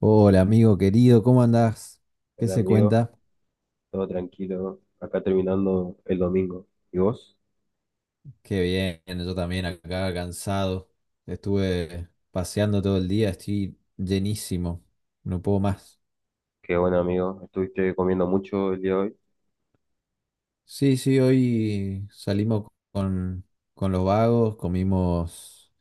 Hola amigo querido, ¿cómo andás? ¿Qué Hola se amigo, cuenta? todo tranquilo, acá terminando el domingo. ¿Y vos? Qué bien, yo también acá cansado. Estuve paseando todo el día, estoy llenísimo, no puedo más. Qué bueno amigo, estuviste comiendo mucho el día de hoy. Sí, sí, hoy salimos con los vagos, comimos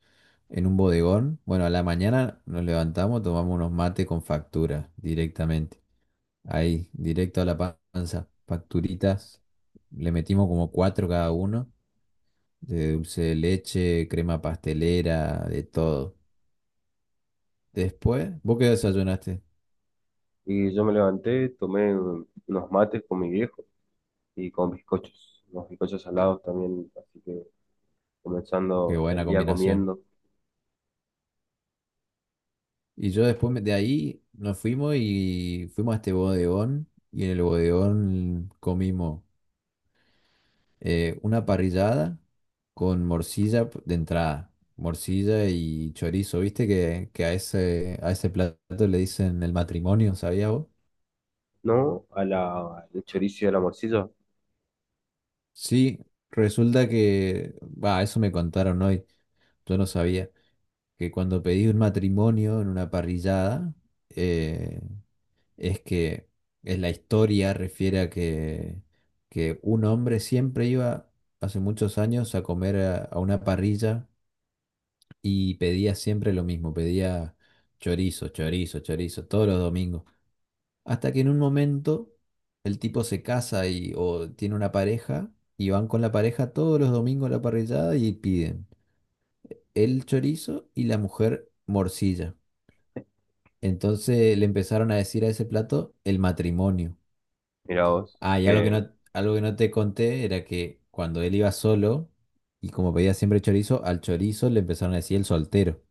en un bodegón. Bueno, a la mañana nos levantamos, tomamos unos mates con factura directamente. Ahí, directo a la panza, facturitas. Le metimos como cuatro cada uno, de dulce de leche, crema pastelera, de todo. Después, vos qué desayunaste, Y yo me levanté, tomé unos mates con mi viejo y con bizcochos, unos bizcochos salados también, así que qué comenzando buena el día combinación. comiendo. Y yo de ahí nos fuimos y fuimos a este bodegón y en el bodegón comimos una parrillada con de entrada, morcilla y chorizo. ¿Viste que a a ese plato le dicen el matrimonio, ¿sabías vos? No, el chorizo y a la morcilla, Sí, resulta que, va, eso me contaron hoy, yo no sabía. Que cuando pedís un matrimonio en una parrillada, eh, es que en la historia refiere a que un hombre siempre iba hace muchos años a comer a una parrilla y pedía siempre lo mismo, pedía chorizo, chorizo, chorizo, todos los domingos. Hasta que en un momento el tipo se casa y, o tiene una pareja y van con la pareja todos los domingos a la parrillada y piden el chorizo y la mujer morcilla. Entonces le empezaron a decir a ese plato el matrimonio. mirá vos, Ah, que algo que no te conté era que cuando él iba solo y como pedía siempre chorizo, al chorizo le empezaron a decir el soltero.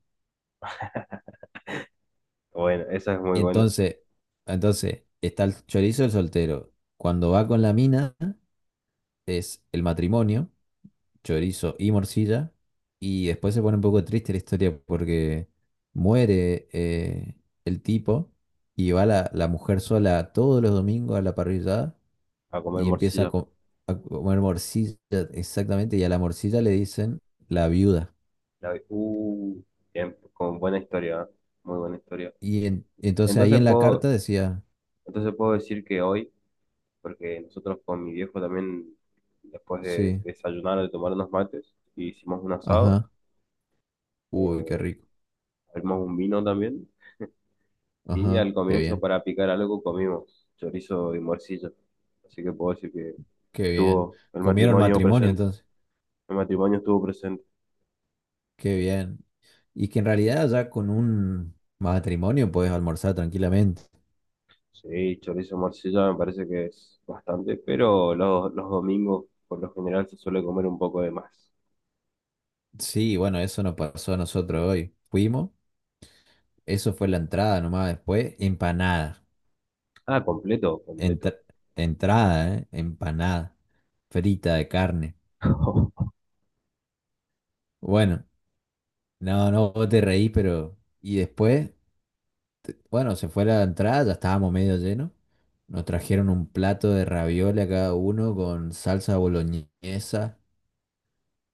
bueno, esa es muy buena, Entonces, entonces está el chorizo y el soltero. Cuando va con la mina es el matrimonio, chorizo y morcilla. Y después se pone un poco triste la historia porque muere el tipo y va la mujer sola todos los domingos a la parrillada a comer y morcilla. A comer morcilla, exactamente, y a la morcilla le dicen la viuda. La, vi- uh, Bien, con buena historia, ¿eh? Muy buena historia. Y entonces ahí Entonces en la puedo, carta decía, entonces puedo decir que hoy porque nosotros con mi viejo también, después de sí, desayunar, de tomar unos mates, hicimos un asado, ajá, uy, qué eh, rico, abrimos un vino también, y ajá, al qué comienzo bien, para picar algo comimos chorizo y morcilla. Así que puedo decir que qué bien. estuvo el Comieron matrimonio matrimonio presente, entonces, el matrimonio estuvo presente. qué bien. Y que en realidad ya con un matrimonio puedes almorzar tranquilamente. Sí, chorizo y morcilla me parece que es bastante, pero los domingos por lo general se suele comer un poco de más. Sí, bueno, eso nos pasó a nosotros hoy. Fuimos, eso fue la entrada nomás, después empanada. Ah, completo, completo. Entra- Entrada, ¿eh? Empanada, frita de carne. Bueno, no, no, vos te reí, pero... Y después, bueno, se fue la entrada, ya estábamos medio llenos. Nos trajeron un plato de ravioli a cada uno con salsa boloñesa,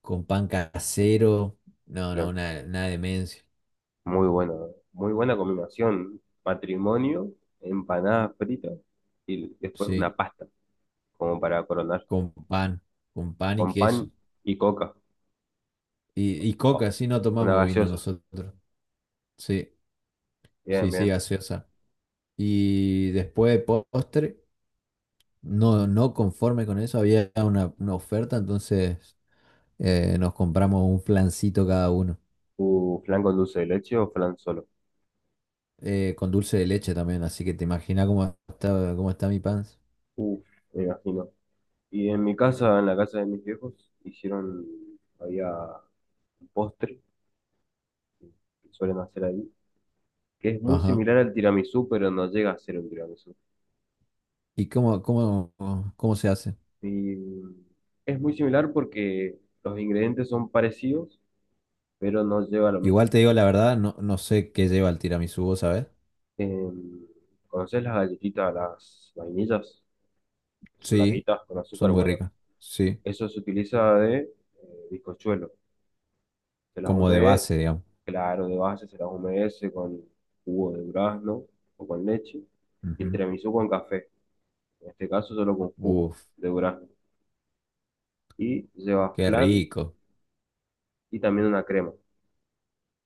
con pan casero. No, no, una demencia. Muy buena, muy buena combinación. Patrimonio, empanadas fritas y después una Sí, pasta, como para coronar, con pan, con pan y con queso. pan y coca. Y Oh, coca, sí, no una tomamos vino gaseosa. nosotros. Sí, Bien, sí, sí, bien. gaseosa. Y después de postre, no, no conforme con eso, había una oferta, entonces... nos compramos un flancito cada uno. Flan con dulce de leche o flan solo. Con dulce de leche también, así que te imaginas cómo está mi pan. Uf, me imagino. Y en mi casa, en la casa de mis viejos, hicieron, había un postre que suelen hacer ahí, que es muy Ajá. similar al tiramisú, pero no llega a ser un tiramisú. ¿Y cómo, cómo, cómo se hace? Y es muy similar porque los ingredientes son parecidos pero no lleva lo Igual mismo. te digo la verdad, no, no sé qué lleva el tiramisú, ¿vos ¿sabes? Eh, ¿Conoces las galletitas, las vainillas? Son Sí, larguitas con son azúcar, muy bueno. ricas. Sí, Eso se utiliza de bizcochuelo. Se las como de humede, base, digamos. claro, de base se las humedece con jugo de durazno o con leche. Y el Ujú. tiramisú con café. En este caso solo con jugo Uf, de durazno. Y lleva qué flan rico. y también una crema.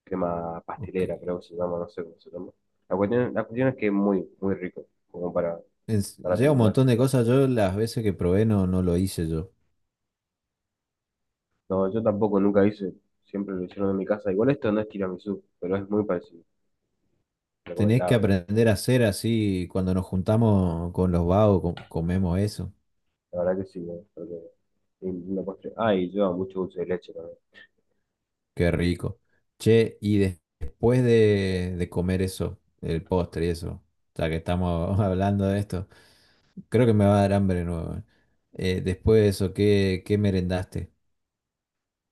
Crema Ok. pastelera, creo que se llama, no sé cómo se llama. La cuestión es que es muy, muy rico, como Es- para lleva un terminar. montón de cosas, yo las veces que probé no, no lo hice yo. No, yo tampoco nunca hice, siempre lo hicieron en mi casa. Igual esto no es tiramisú, pero es muy parecido, Tenés que recomendado. aprender a hacer así, cuando nos juntamos con los vagos, comemos eso. La verdad que sí, ¿no? Porque es una postre. Ah, y lleva mucho dulce de leche también. Qué rico. Che, después de comer eso, el postre y eso, ya que estamos hablando de esto, creo que me va a dar hambre de nuevo. Después de eso, ¿qué, qué merendaste?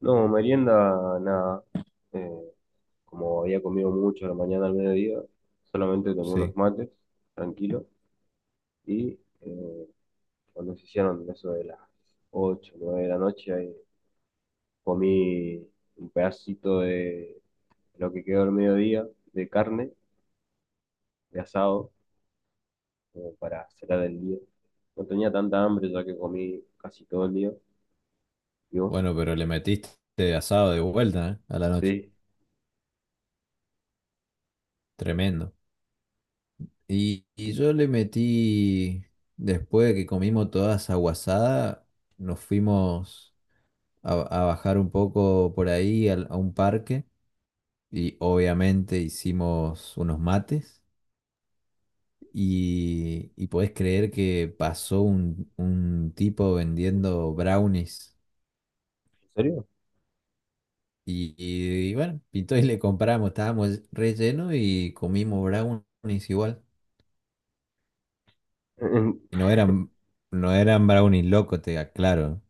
No, merienda, nada. Eh, como había comido mucho a la mañana al mediodía, solamente tomé unos Sí. mates, tranquilo. Y cuando se hicieron eso de las 8 o 9 de la noche, ahí comí un pedacito de lo que quedó al mediodía de carne, de asado como para cenar el día. No tenía tanta hambre ya que comí casi todo el día. ¿Y vos? Bueno, pero le metiste asado de vuelta, ¿eh? A la noche. Sí. Tremendo. Y yo le metí, después de que comimos toda esa guasada, nos fuimos a bajar un poco por ahí a un parque y obviamente hicimos unos mates. Y podés creer que pasó un tipo vendiendo brownies. ¿En serio? Y bueno, pintó y le compramos. Estábamos rellenos y comimos brownies igual. Y no eran, no eran brownies locos, te aclaro.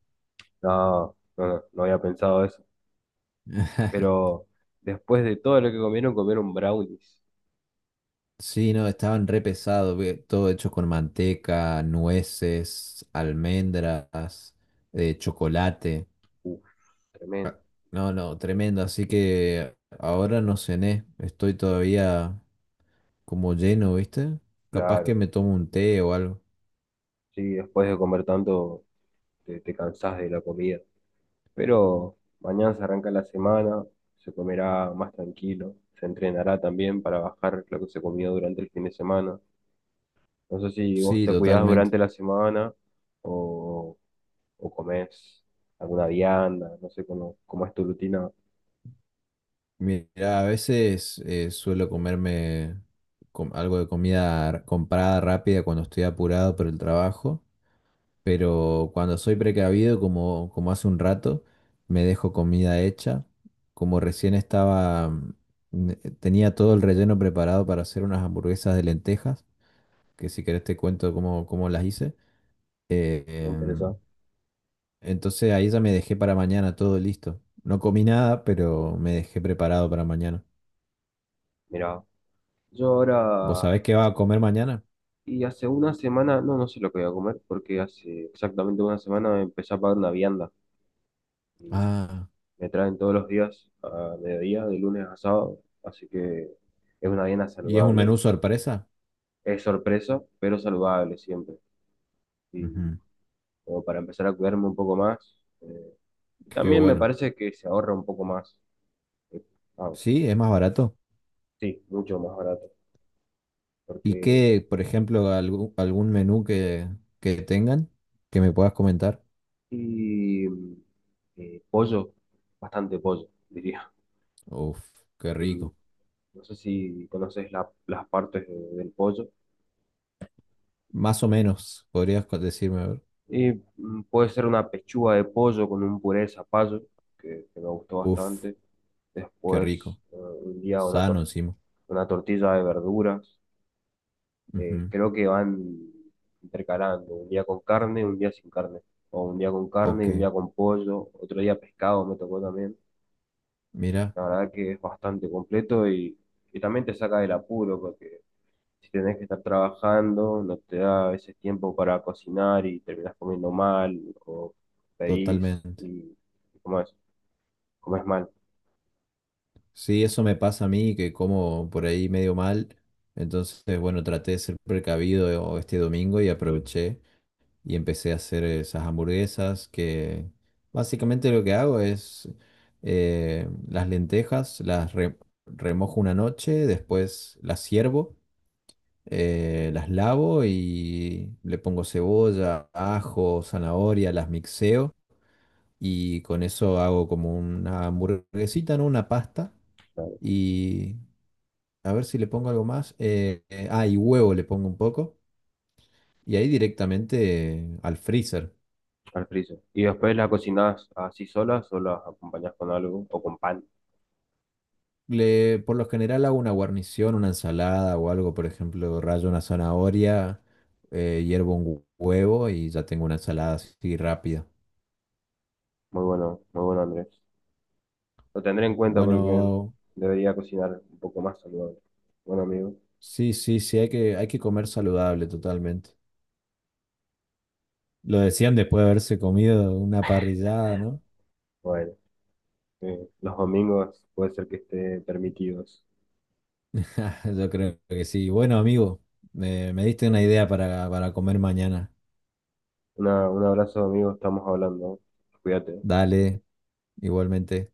No, no, no, no había pensado eso. Pero después de todo lo que comieron, comieron brownies. Sí, no, estaban re pesados, ve. Todo hecho con manteca, nueces, almendras, chocolate. Uf, Ah, tremendo. no, no, tremendo. Así que ahora no cené. Estoy todavía como lleno, ¿viste? Capaz que Claro. me tomo un té o algo. Sí, después de comer tanto, te cansás de la comida. Pero mañana se arranca la semana, se comerá más tranquilo. Se entrenará también para bajar lo que se comió durante el fin de semana. No sé si vos Sí, te cuidás totalmente. durante la semana o, o comés alguna vianda, no sé cómo es tu rutina, Mira, a veces suelo comerme algo de comida comprada rápida cuando estoy apurado por el trabajo, pero cuando soy precavido, como, como hace un rato, me dejo comida hecha. Como recién estaba, tenía todo el relleno preparado para hacer unas hamburguesas de lentejas, que si querés te cuento cómo, cómo las hice. Eh, me em, interesa. Entonces ahí ya me dejé para mañana todo listo. No comí nada, pero me dejé preparado para mañana. Mira, yo ¿Vos ahora, sabés qué va a comer mañana? y hace una semana, no, no sé lo que voy a comer, porque hace exactamente una semana empecé a pagar una vianda. Y Ah, me traen todos los días a mediodía, de lunes a sábado, así que es una vianda ¿y es un saludable. menú sorpresa? Es sorpresa, pero saludable siempre. Y Ujú, como para empezar a cuidarme un poco más. Y qué también me bueno. parece que se ahorra un poco más. eh, ah, Sí, es más barato. sí, mucho más barato. ¿Y Porque. qué, por ejemplo, algún menú que tengan que me puedas comentar? Y. Pollo, bastante pollo, diría. Uf, qué Mm, rico. No sé si conoces las partes del pollo. Más o menos, podrías decirme, a ver. Y puede ser una pechuga de pollo con un puré de zapallo, que me gustó Uf, bastante. qué Después, rico. Un día una, Sano tor- encima. una tortilla de verduras. Ujú, Creo que van intercalando, un día con carne, un día sin carne, o un día con carne y ok, un día con pollo, otro día pescado me tocó también. mira, La verdad que es bastante completo y también te saca del apuro porque si tenés que estar trabajando, no te da ese tiempo para cocinar y terminás comiendo mal o pedís totalmente. y, ¿cómo es? Comes mal. Sí, eso me pasa a mí, que como por ahí medio mal. Entonces, bueno, traté de ser precavido este domingo y aproveché y empecé a hacer esas hamburguesas que básicamente lo que hago es las lentejas, remojo una noche, después las ciervo, las lavo y le pongo cebolla, ajo, zanahoria, las mixeo y con eso hago como una hamburguesita, ¿no? Una pasta. Claro. Y a ver si le pongo algo más. Y huevo le pongo un poco. Y ahí directamente al freezer. Al friso. Y después la cocinás así solas o las acompañás con algo o con pan. Le, por lo general hago una guarnición, una ensalada o algo, por ejemplo, rayo una zanahoria, hiervo un huevo y ya tengo una ensalada así rápida. Muy bueno, muy bueno, Andrés. Lo tendré en cuenta porque Bueno, debería cocinar un poco más saludable. Bueno, amigo, sí, sí, sí, hay hay que comer saludable totalmente. Lo decían después de haberse comido una parrillada, ¿no? bueno, los domingos puede ser que esté permitidos. Yo creo que sí. Bueno, amigo, me diste una idea para comer mañana. Un abrazo, amigo, estamos hablando. Cuídate. Dale. Igualmente.